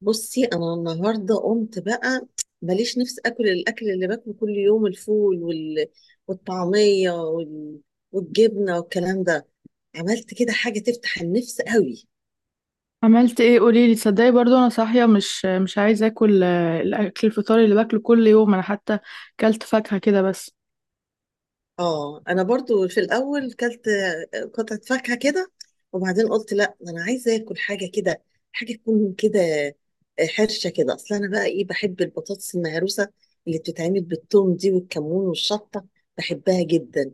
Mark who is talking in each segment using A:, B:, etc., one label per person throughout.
A: بصي، انا النهارده قمت بقى ماليش نفس اكل الاكل اللي باكله كل يوم: الفول، والطعميه، والجبنه والكلام ده. عملت كده حاجه تفتح النفس قوي.
B: عملت ايه؟ قوليلي. تصدقي برضو انا صاحيه مش عايزه اكل، الاكل الفطار اللي باكله كل يوم. انا حتى كلت فاكهه كده بس.
A: اه، انا برضو في الاول كلت قطعه فاكهه كده. وبعدين قلت لا، ده انا عايزه اكل حاجه كده، حاجه تكون كده حرشه كده. اصل انا بقى ايه، بحب البطاطس المهروسه اللي بتتعمل بالثوم دي والكمون والشطه. بحبها جدا.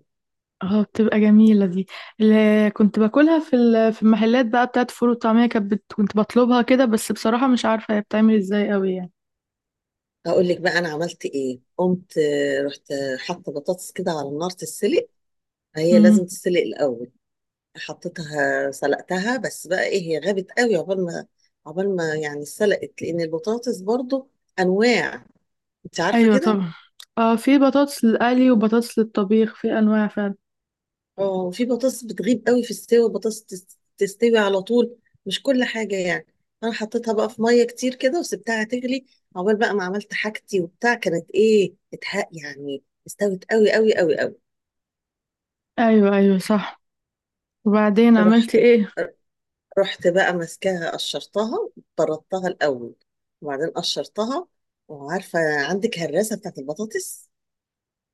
B: اه بتبقى جميله دي. اللي كنت باكلها في المحلات بقى بتاعت فول وطعميه كانت، كنت بطلبها كده بس. بصراحه مش عارفه هي بتعمل ازاي قوي يعني.
A: هقول لك بقى انا عملت ايه. قمت رحت حاطه بطاطس كده على النار تتسلق. هي لازم
B: امم.
A: تتسلق الاول. حطيتها سلقتها. بس بقى ايه، هي غابت قوي عقبال ما يعني اتسلقت، لان البطاطس برضو انواع، انت عارفه
B: ايوه
A: كده.
B: طبعا. اه في بطاطس للقلي وبطاطس للطبيخ، في انواع فعلا.
A: اه، في بطاطس بتغيب قوي في السوا، بطاطس تستوي على طول، مش كل حاجه يعني. انا حطيتها بقى في ميه كتير كده وسبتها تغلي عقبال بقى ما عملت حاجتي وبتاع. كانت ايه، اتحق يعني، استوت قوي قوي قوي قوي.
B: ايوه ايوه صح. وبعدين عملت
A: رحت
B: ايه؟
A: رحت بقى ماسكاها قشرتها، طردتها الاول، وبعدين قشرتها. وعارفه عندك هراسه بتاعت البطاطس؟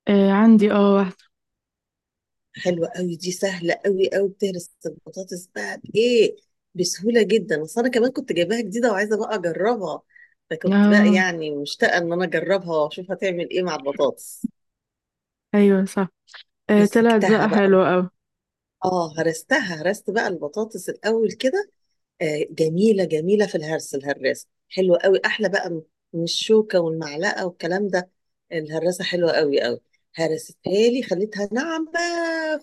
B: آه عندي، اه واحده.
A: حلوه قوي دي، سهله قوي قوي، بتهرس البطاطس بقى بايه، بسهوله جدا. اصل انا كمان كنت جايباها جديده وعايزه بقى اجربها. فكنت بقى
B: اه
A: يعني مشتاقه ان انا اجربها واشوف هتعمل ايه مع البطاطس.
B: ايوه صح. آه طلعت
A: مسكتها
B: بقى
A: بقى
B: حلوه
A: رحت
B: قوي.
A: اه هرستها، هرست بقى البطاطس الاول كده جميله جميله في الهرس. الهراسه حلوه قوي، احلى بقى من الشوكه والمعلقه والكلام ده. الهراسه حلوه قوي قوي. هرستها لي خليتها ناعمه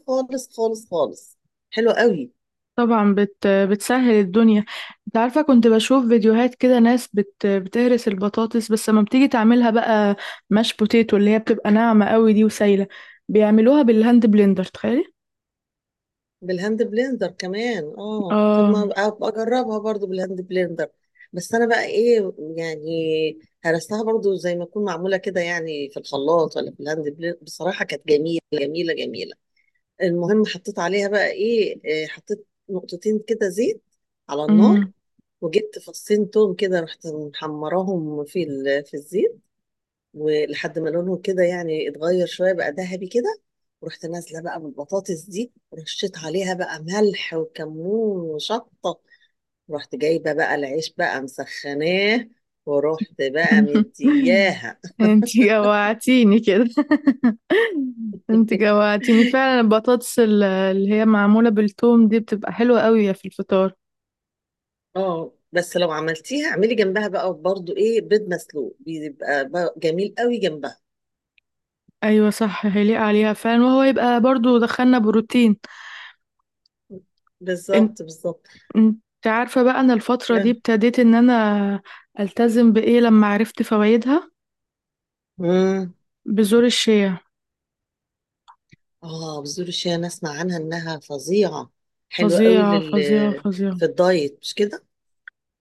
A: خالص خالص خالص، حلوه قوي.
B: طبعا بتسهل الدنيا. انت عارفة، كنت بشوف فيديوهات كده ناس بتهرس البطاطس، بس لما بتيجي تعملها بقى ماش بوتيتو اللي هي بتبقى ناعمة قوي دي وسايلة، بيعملوها بالهاند بلندر تخيلي.
A: بالهاند بلندر كمان؟ اه، طب
B: اه.
A: ما أبقى اجربها برضو بالهاند بلندر. بس انا بقى ايه يعني، هرستها برضو زي ما تكون معموله كده يعني في الخلاط ولا في الهاند بلندر. بصراحه كانت جميله جميله جميله. المهم، حطيت عليها بقى ايه، حطيت نقطتين كده زيت على النار،
B: امم.
A: وجبت فصين توم كده، رحت محمراهم في الزيت، ولحد ما لونهم كده يعني اتغير شويه بقى ذهبي كده، ورحت نازله بقى بالبطاطس دي ورشيت عليها بقى ملح وكمون وشطه، ورحت جايبه بقى العيش بقى مسخناه، ورحت بقى مدياها.
B: انتي جوعتيني كده. انتي جوعتيني فعلا. البطاطس، اللي هي معمولة بالثوم دي، بتبقى حلوة قوي في الفطار.
A: اه، بس لو عملتيها، اعملي جنبها بقى برضو ايه، بيض مسلوق. بيبقى بقى جميل قوي جنبها.
B: ايوه صح هيليق عليها فعلا، وهو يبقى برضو دخلنا بروتين.
A: بالظبط بالظبط.
B: انت عارفة بقى انا الفترة دي ابتديت ان انا التزم بايه، لما عرفت فوائدها؟
A: امم.
B: بذور الشيا.
A: اه، بذور الشيا انا اسمع عنها انها فظيعه، حلوه قوي
B: فظيعة فظيعة فظيعة.
A: في الدايت، مش كده؟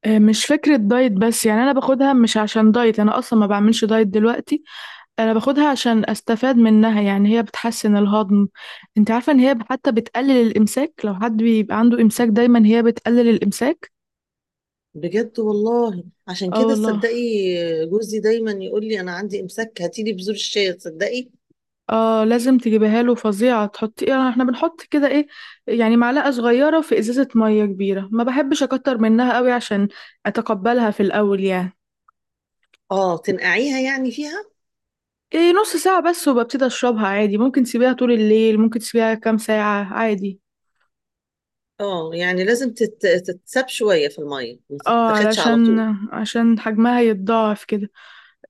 B: مش فكرة دايت بس، يعني انا باخدها مش عشان دايت، انا اصلا ما بعملش دايت دلوقتي. انا باخدها عشان استفاد منها. يعني هي بتحسن الهضم. انت عارفة ان هي حتى بتقلل الامساك؟ لو حد بيبقى عنده امساك دايما، هي بتقلل الامساك.
A: بجد، والله عشان
B: اه
A: كده،
B: والله.
A: تصدقي جوزي دايما يقول لي انا عندي امساك، هاتي لي بذور الشيا، تصدقي.
B: اه لازم تجيبيها له، فظيعة. تحطي ايه؟ احنا بنحط كده، ايه، يعني معلقة صغيرة في ازازة مية كبيرة. ما بحبش اكتر منها قوي عشان اتقبلها في الاول يعني.
A: اه تنقعيها يعني فيها.
B: ايه، نص ساعة بس وببتدي اشربها عادي. ممكن تسيبيها طول الليل، ممكن تسيبيها كام ساعة عادي.
A: اه، يعني لازم تتساب شويه في الميه، ما
B: اه
A: تتاخدش على
B: علشان،
A: طول.
B: عشان حجمها يتضاعف كده.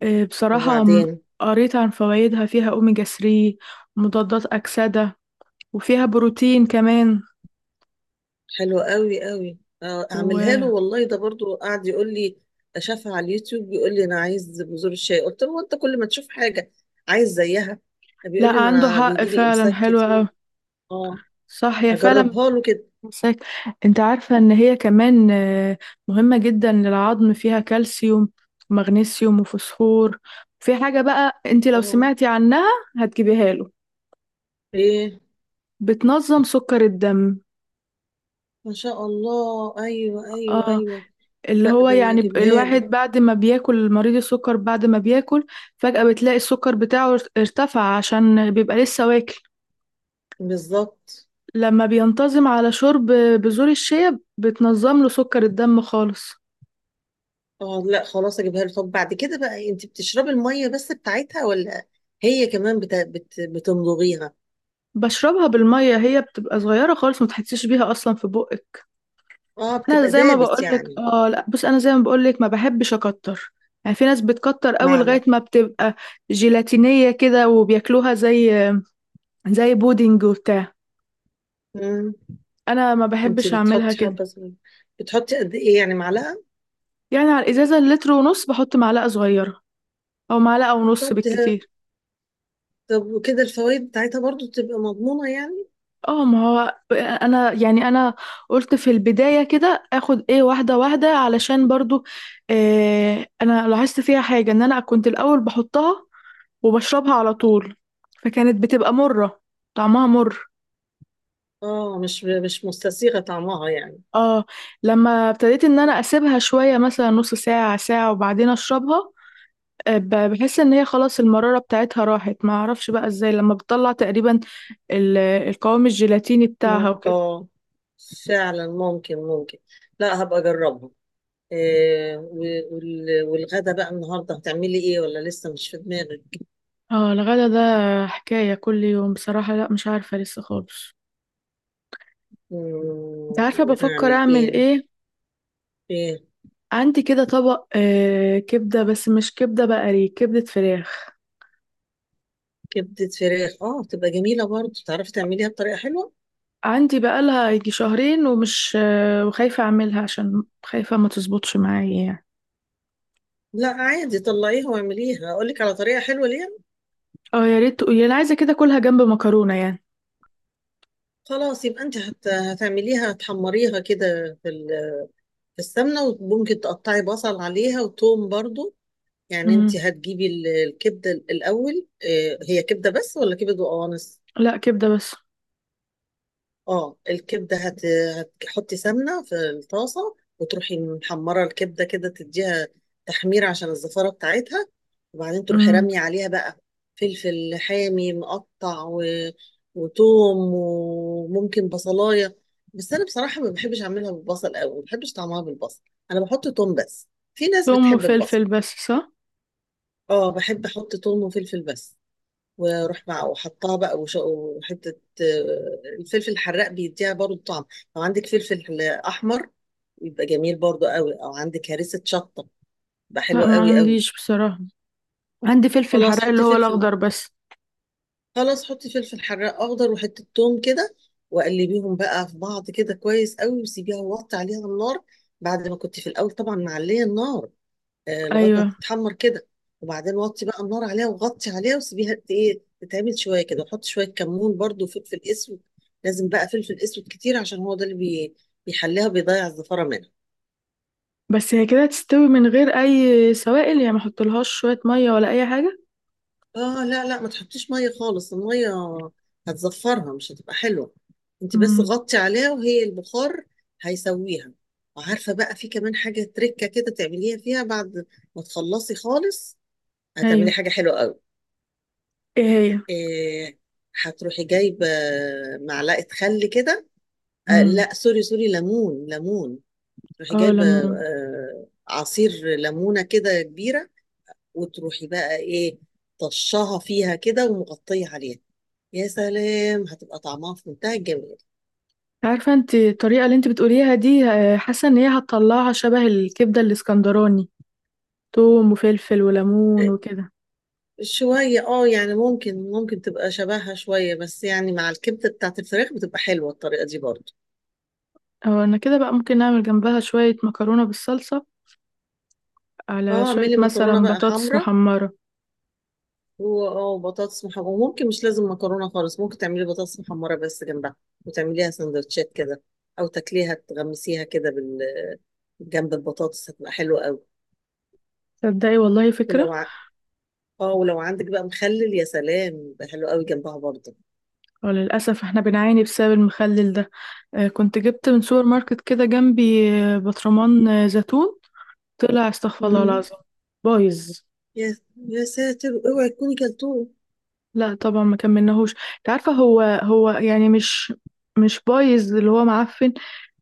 B: إيه بصراحة،
A: وبعدين
B: قريت عن فوائدها. فيها اوميجا 3، مضادات اكسدة، وفيها بروتين كمان.
A: حلو قوي قوي، اعملها له
B: و،
A: والله، ده برضو قاعد يقول لي، شافها على اليوتيوب بيقول لي انا عايز بذور الشاي. قلت له انت كل ما تشوف حاجه عايز زيها.
B: لا
A: بيقول لي ما
B: عنده
A: انا
B: حق
A: بيجي لي
B: فعلا،
A: امساك
B: حلوة أوي.
A: كتير. اه،
B: صح هي فعلا.
A: هجربها له كده.
B: مساك. انت عارفة ان هي كمان، مهمة جدا للعظم، فيها كالسيوم ومغنيسيوم وفوسفور. في حاجة بقى انت لو
A: اه.
B: سمعتي عنها هتجيبيها له.
A: ايه،
B: بتنظم سكر الدم.
A: ما شاء الله! ايوه، ايوه،
B: اه،
A: ايوه.
B: اللي
A: لا،
B: هو
A: ده انا
B: يعني،
A: هجيبها
B: الواحد
A: له.
B: بعد ما بياكل، مريض السكر بعد ما بياكل فجأة بتلاقي السكر بتاعه ارتفع، عشان بيبقى لسه واكل.
A: بالظبط.
B: لما بينتظم على شرب بذور الشيا، بتنظم له سكر الدم خالص.
A: اه لا، خلاص اجيبها له. طب بعد كده بقى، انت بتشربي الميه بس بتاعتها، ولا هي كمان بتمضغيها؟
B: بشربها بالميه، هي بتبقى صغيره خالص ما تحسيش بيها اصلا في بقك.
A: اه،
B: انا
A: بتبقى
B: زي ما
A: دابت
B: بقولك،
A: يعني.
B: اه لا بص، انا زي ما بقولك ما بحبش اكتر. يعني في ناس بتكتر قوي لغايه
A: معلقه.
B: ما بتبقى جيلاتينيه كده وبياكلوها زي، بودنج وبتاع.
A: مم.
B: انا ما
A: انتي
B: بحبش اعملها
A: بتحطي
B: كده.
A: حبة صغيرة، بتحطي قد ايه، يعني معلقة؟
B: يعني على الازازه اللتر ونص بحط معلقه صغيره او معلقه ونص
A: طب ده
B: بالكتير.
A: طب وكده الفوائد بتاعتها برضو تبقى مضمونة يعني؟
B: اه، ما هو انا يعني انا قلت في البداية كده اخد، ايه، واحدة واحدة علشان برضو، إيه، انا لاحظت فيها حاجة. ان انا كنت الاول بحطها وبشربها على طول، فكانت بتبقى مرة، طعمها مر.
A: اه مش مستسيغة طعمها يعني.
B: اه، لما ابتديت ان انا اسيبها شوية، مثلا نص ساعة ساعة وبعدين اشربها، بحس ان هي خلاص المرارة بتاعتها راحت. ما اعرفش بقى ازاي، لما بتطلع تقريبا القوام الجيلاتيني
A: مم.
B: بتاعها وكده.
A: اه، فعلا، ممكن ممكن. لا، هبقى اجربها. إيه، والغدا بقى النهارده هتعملي ايه، ولا لسه مش في دماغك؟
B: اه الغدا ده حكاية كل يوم بصراحة. لا مش عارفة لسه خالص. انت
A: مم،
B: عارفة بفكر
A: نعمل
B: اعمل
A: ايه؟
B: ايه؟
A: ايه؟
B: عندي كده طبق آه كبدة، بس مش كبدة بقري، كبدة فراخ.
A: كبدة فراخ؟ اه، تبقى جميلة برضو، تعرفي تعمليها بطريقة حلوة.
B: عندي بقالها يجي شهرين ومش، آه، وخايفة اعملها عشان خايفة ما تظبطش معايا يعني.
A: لا، عادي طلعيها واعمليها، اقول لك على طريقه حلوه.
B: اه يا ريت تقولي، انا عايزة كده كلها جنب مكرونة يعني.
A: خلاص، يبقى انت هتعمليها، هتحمريها كده في السمنه، وممكن تقطعي بصل عليها وتوم برضو. يعني
B: امم.
A: انت هتجيبي الكبده الاول، هي كبده بس، ولا كبده وقوانص؟
B: لا، كبدة بس.
A: اه، الكبدة هتحطي سمنة في الطاسة، وتروحي محمرة الكبدة كده، تديها تحمير عشان الزفارة بتاعتها. وبعدين تروحي
B: امم.
A: رامية عليها بقى فلفل حامي مقطع وتوم، وممكن بصلاية. بس أنا بصراحة ما بحبش أعملها بالبصل أوي، ما بحبش طعمها بالبصل، أنا بحط توم بس. في ناس
B: ثوم
A: بتحب البصل.
B: وفلفل بس، صح؟
A: اه، بحب أحط توم وفلفل بس. واروح مع وحطها بقى وحته. الفلفل الحراق بيديها برضو طعم. لو عندك فلفل احمر، يبقى جميل برضو قوي، او عندك هريسه شطه، يبقى
B: لا،
A: حلو
B: ما
A: قوي قوي.
B: عنديش بصراحة. عندي فلفل حراق،
A: خلاص
B: اللي
A: حطي
B: هو
A: فلفل
B: الاخضر بس.
A: خلاص، حطي فلفل حراق اخضر وحته ثوم كده، وقلبيهم بقى في بعض كده كويس قوي، وسيبيها ووطي عليها النار، بعد ما كنت في الاول طبعا معليه النار، لغايه ما
B: ايوه.
A: تتحمر كده. وبعدين وطي بقى النار عليها وغطي عليها، وسيبيها ت- ايه تتعمل شويه كده، وحط شويه كمون برضو وفلفل اسود. لازم بقى فلفل اسود كتير، عشان هو ده اللي بيحليها، بيضيع الزفاره منها.
B: بس هي كده هتستوي من غير اي سوائل يعني؟ ما احطلهاش شويه ميه ولا اي حاجه؟
A: اه لا لا، ما تحطيش ميه خالص، الميه هتزفرها، مش هتبقى حلوه. انت بس
B: امم.
A: غطي عليها وهي البخار هيسويها. وعارفه بقى في كمان حاجه تركه كده تعمليها فيها بعد ما تخلصي خالص، هتعملي
B: ايوه،
A: حاجه حلوه قوي.
B: ايه هي؟
A: إيه، هتروحي جايبة معلقة خل كده. آه
B: امم.
A: لا، سوري سوري، ليمون ليمون. تروحي
B: اه،
A: جايبة
B: ليمون.
A: آه عصير ليمونة كده كبيرة، وتروحي بقى ايه طشها فيها كده ومغطية عليها، يا سلام هتبقى طعمها في منتهى الجمال.
B: عارفه انت الطريقه اللي انت بتقوليها دي، حاسه ان هي هتطلعها شبه الكبده الاسكندراني. توم وفلفل
A: آه،
B: وليمون وكده.
A: شوية، اه يعني، ممكن ممكن تبقى شبهها شوية، بس يعني مع الكبدة بتاعت الفراخ بتبقى حلوة الطريقة دي برضه.
B: اه انا كده بقى ممكن نعمل جنبها شويه مكرونه بالصلصه، على
A: اه،
B: شويه
A: اعملي مكرونة
B: مثلا
A: بقى
B: بطاطس
A: حمرا.
B: محمره.
A: هو اه، بطاطس محمرة، وممكن مش لازم مكرونة خالص، ممكن تعملي بطاطس محمرة بس جنبها، وتعمليها سندوتشات كده، أو تاكليها تغمسيها كده جنب البطاطس، هتبقى حلوة قوي.
B: تصدقي والله فكره.
A: ولو ع... اه ولو عندك بقى مخلل، يا سلام، يبقى حلو قوي جنبها برضه.
B: وللأسف احنا بنعاني بسبب المخلل ده. كنت جبت من سوبر ماركت كده جنبي برطمان زيتون، طلع استغفر الله
A: مم.
B: العظيم، بايظ.
A: يا يا ساتر، اوعي تكوني كلتوه!
B: لا طبعا ما كملناهوش. انت عارفه هو هو يعني مش، بايظ اللي هو معفن،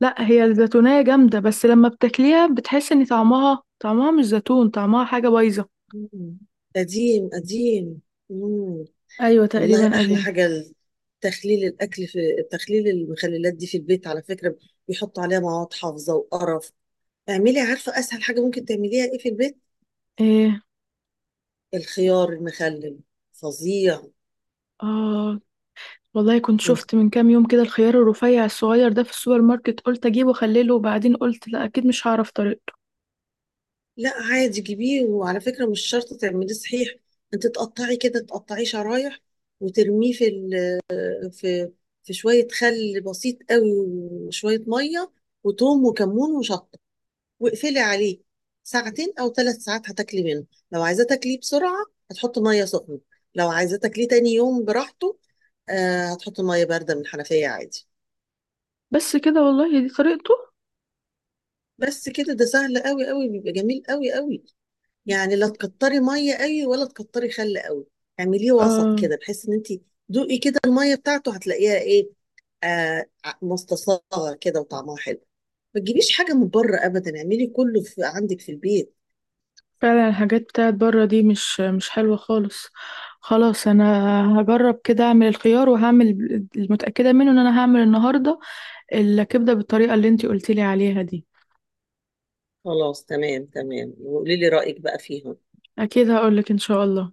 B: لا. هي الزيتونيه جامده، بس لما بتاكليها بتحس ان طعمها، مش زيتون، طعمها حاجه بايظه.
A: مم. قديم قديم. مم.
B: ايوه تقريبا
A: والله، أحلى
B: قديم.
A: حاجة تخليل الأكل في تخليل المخللات دي في البيت على فكرة. بيحطوا عليها مواد حافظة وقرف. اعملي، عارفه اسهل حاجه ممكن تعمليها ايه في البيت؟
B: ايه،
A: الخيار المخلل، فظيع.
B: اه والله كنت
A: انت
B: شفت من كام يوم كده الخيار الرفيع الصغير ده في السوبر ماركت، قلت اجيبه واخليه له، وبعدين قلت لا اكيد مش هعرف طريقته.
A: لا عادي، جيبيه، وعلى فكره مش شرط تعمليه صحيح. انت تقطعي كده، تقطعيه شرايح، وترميه في ال... في في شويه خل بسيط قوي وشويه ميه، وتوم وكمون وشطه، واقفلي عليه ساعتين او 3 ساعات، هتاكلي منه. لو عايزاه تاكليه بسرعه، هتحطي ميه سخنه. لو عايزاه تاكليه تاني يوم براحته، آه، هتحطي ميه بارده من الحنفيه عادي.
B: بس كده والله دي طريقته؟
A: بس كده. ده سهل قوي قوي، بيبقى جميل قوي قوي. يعني لا تكتري ميه قوي ولا تكتري خل قوي، اعمليه وسط
B: آه.
A: كده، بحيث ان انت دوقي كده الميه بتاعته، هتلاقيها ايه، مستصاغه كده وطعمها حلو. ما تجيبيش حاجه من بره ابدا، اعملي كله في عندك في البيت.
B: فعلا الحاجات بتاعت بره دي مش حلوة خالص. خلاص، انا هجرب كده اعمل الخيار، وهعمل، المتأكدة منه ان انا هعمل النهاردة، الكبدة بالطريقة اللي انتي قلتيلي عليها دي.
A: خلاص تمام تمام، وقولي لي رايك بقى فيها.
B: اكيد هقولك ان شاء الله.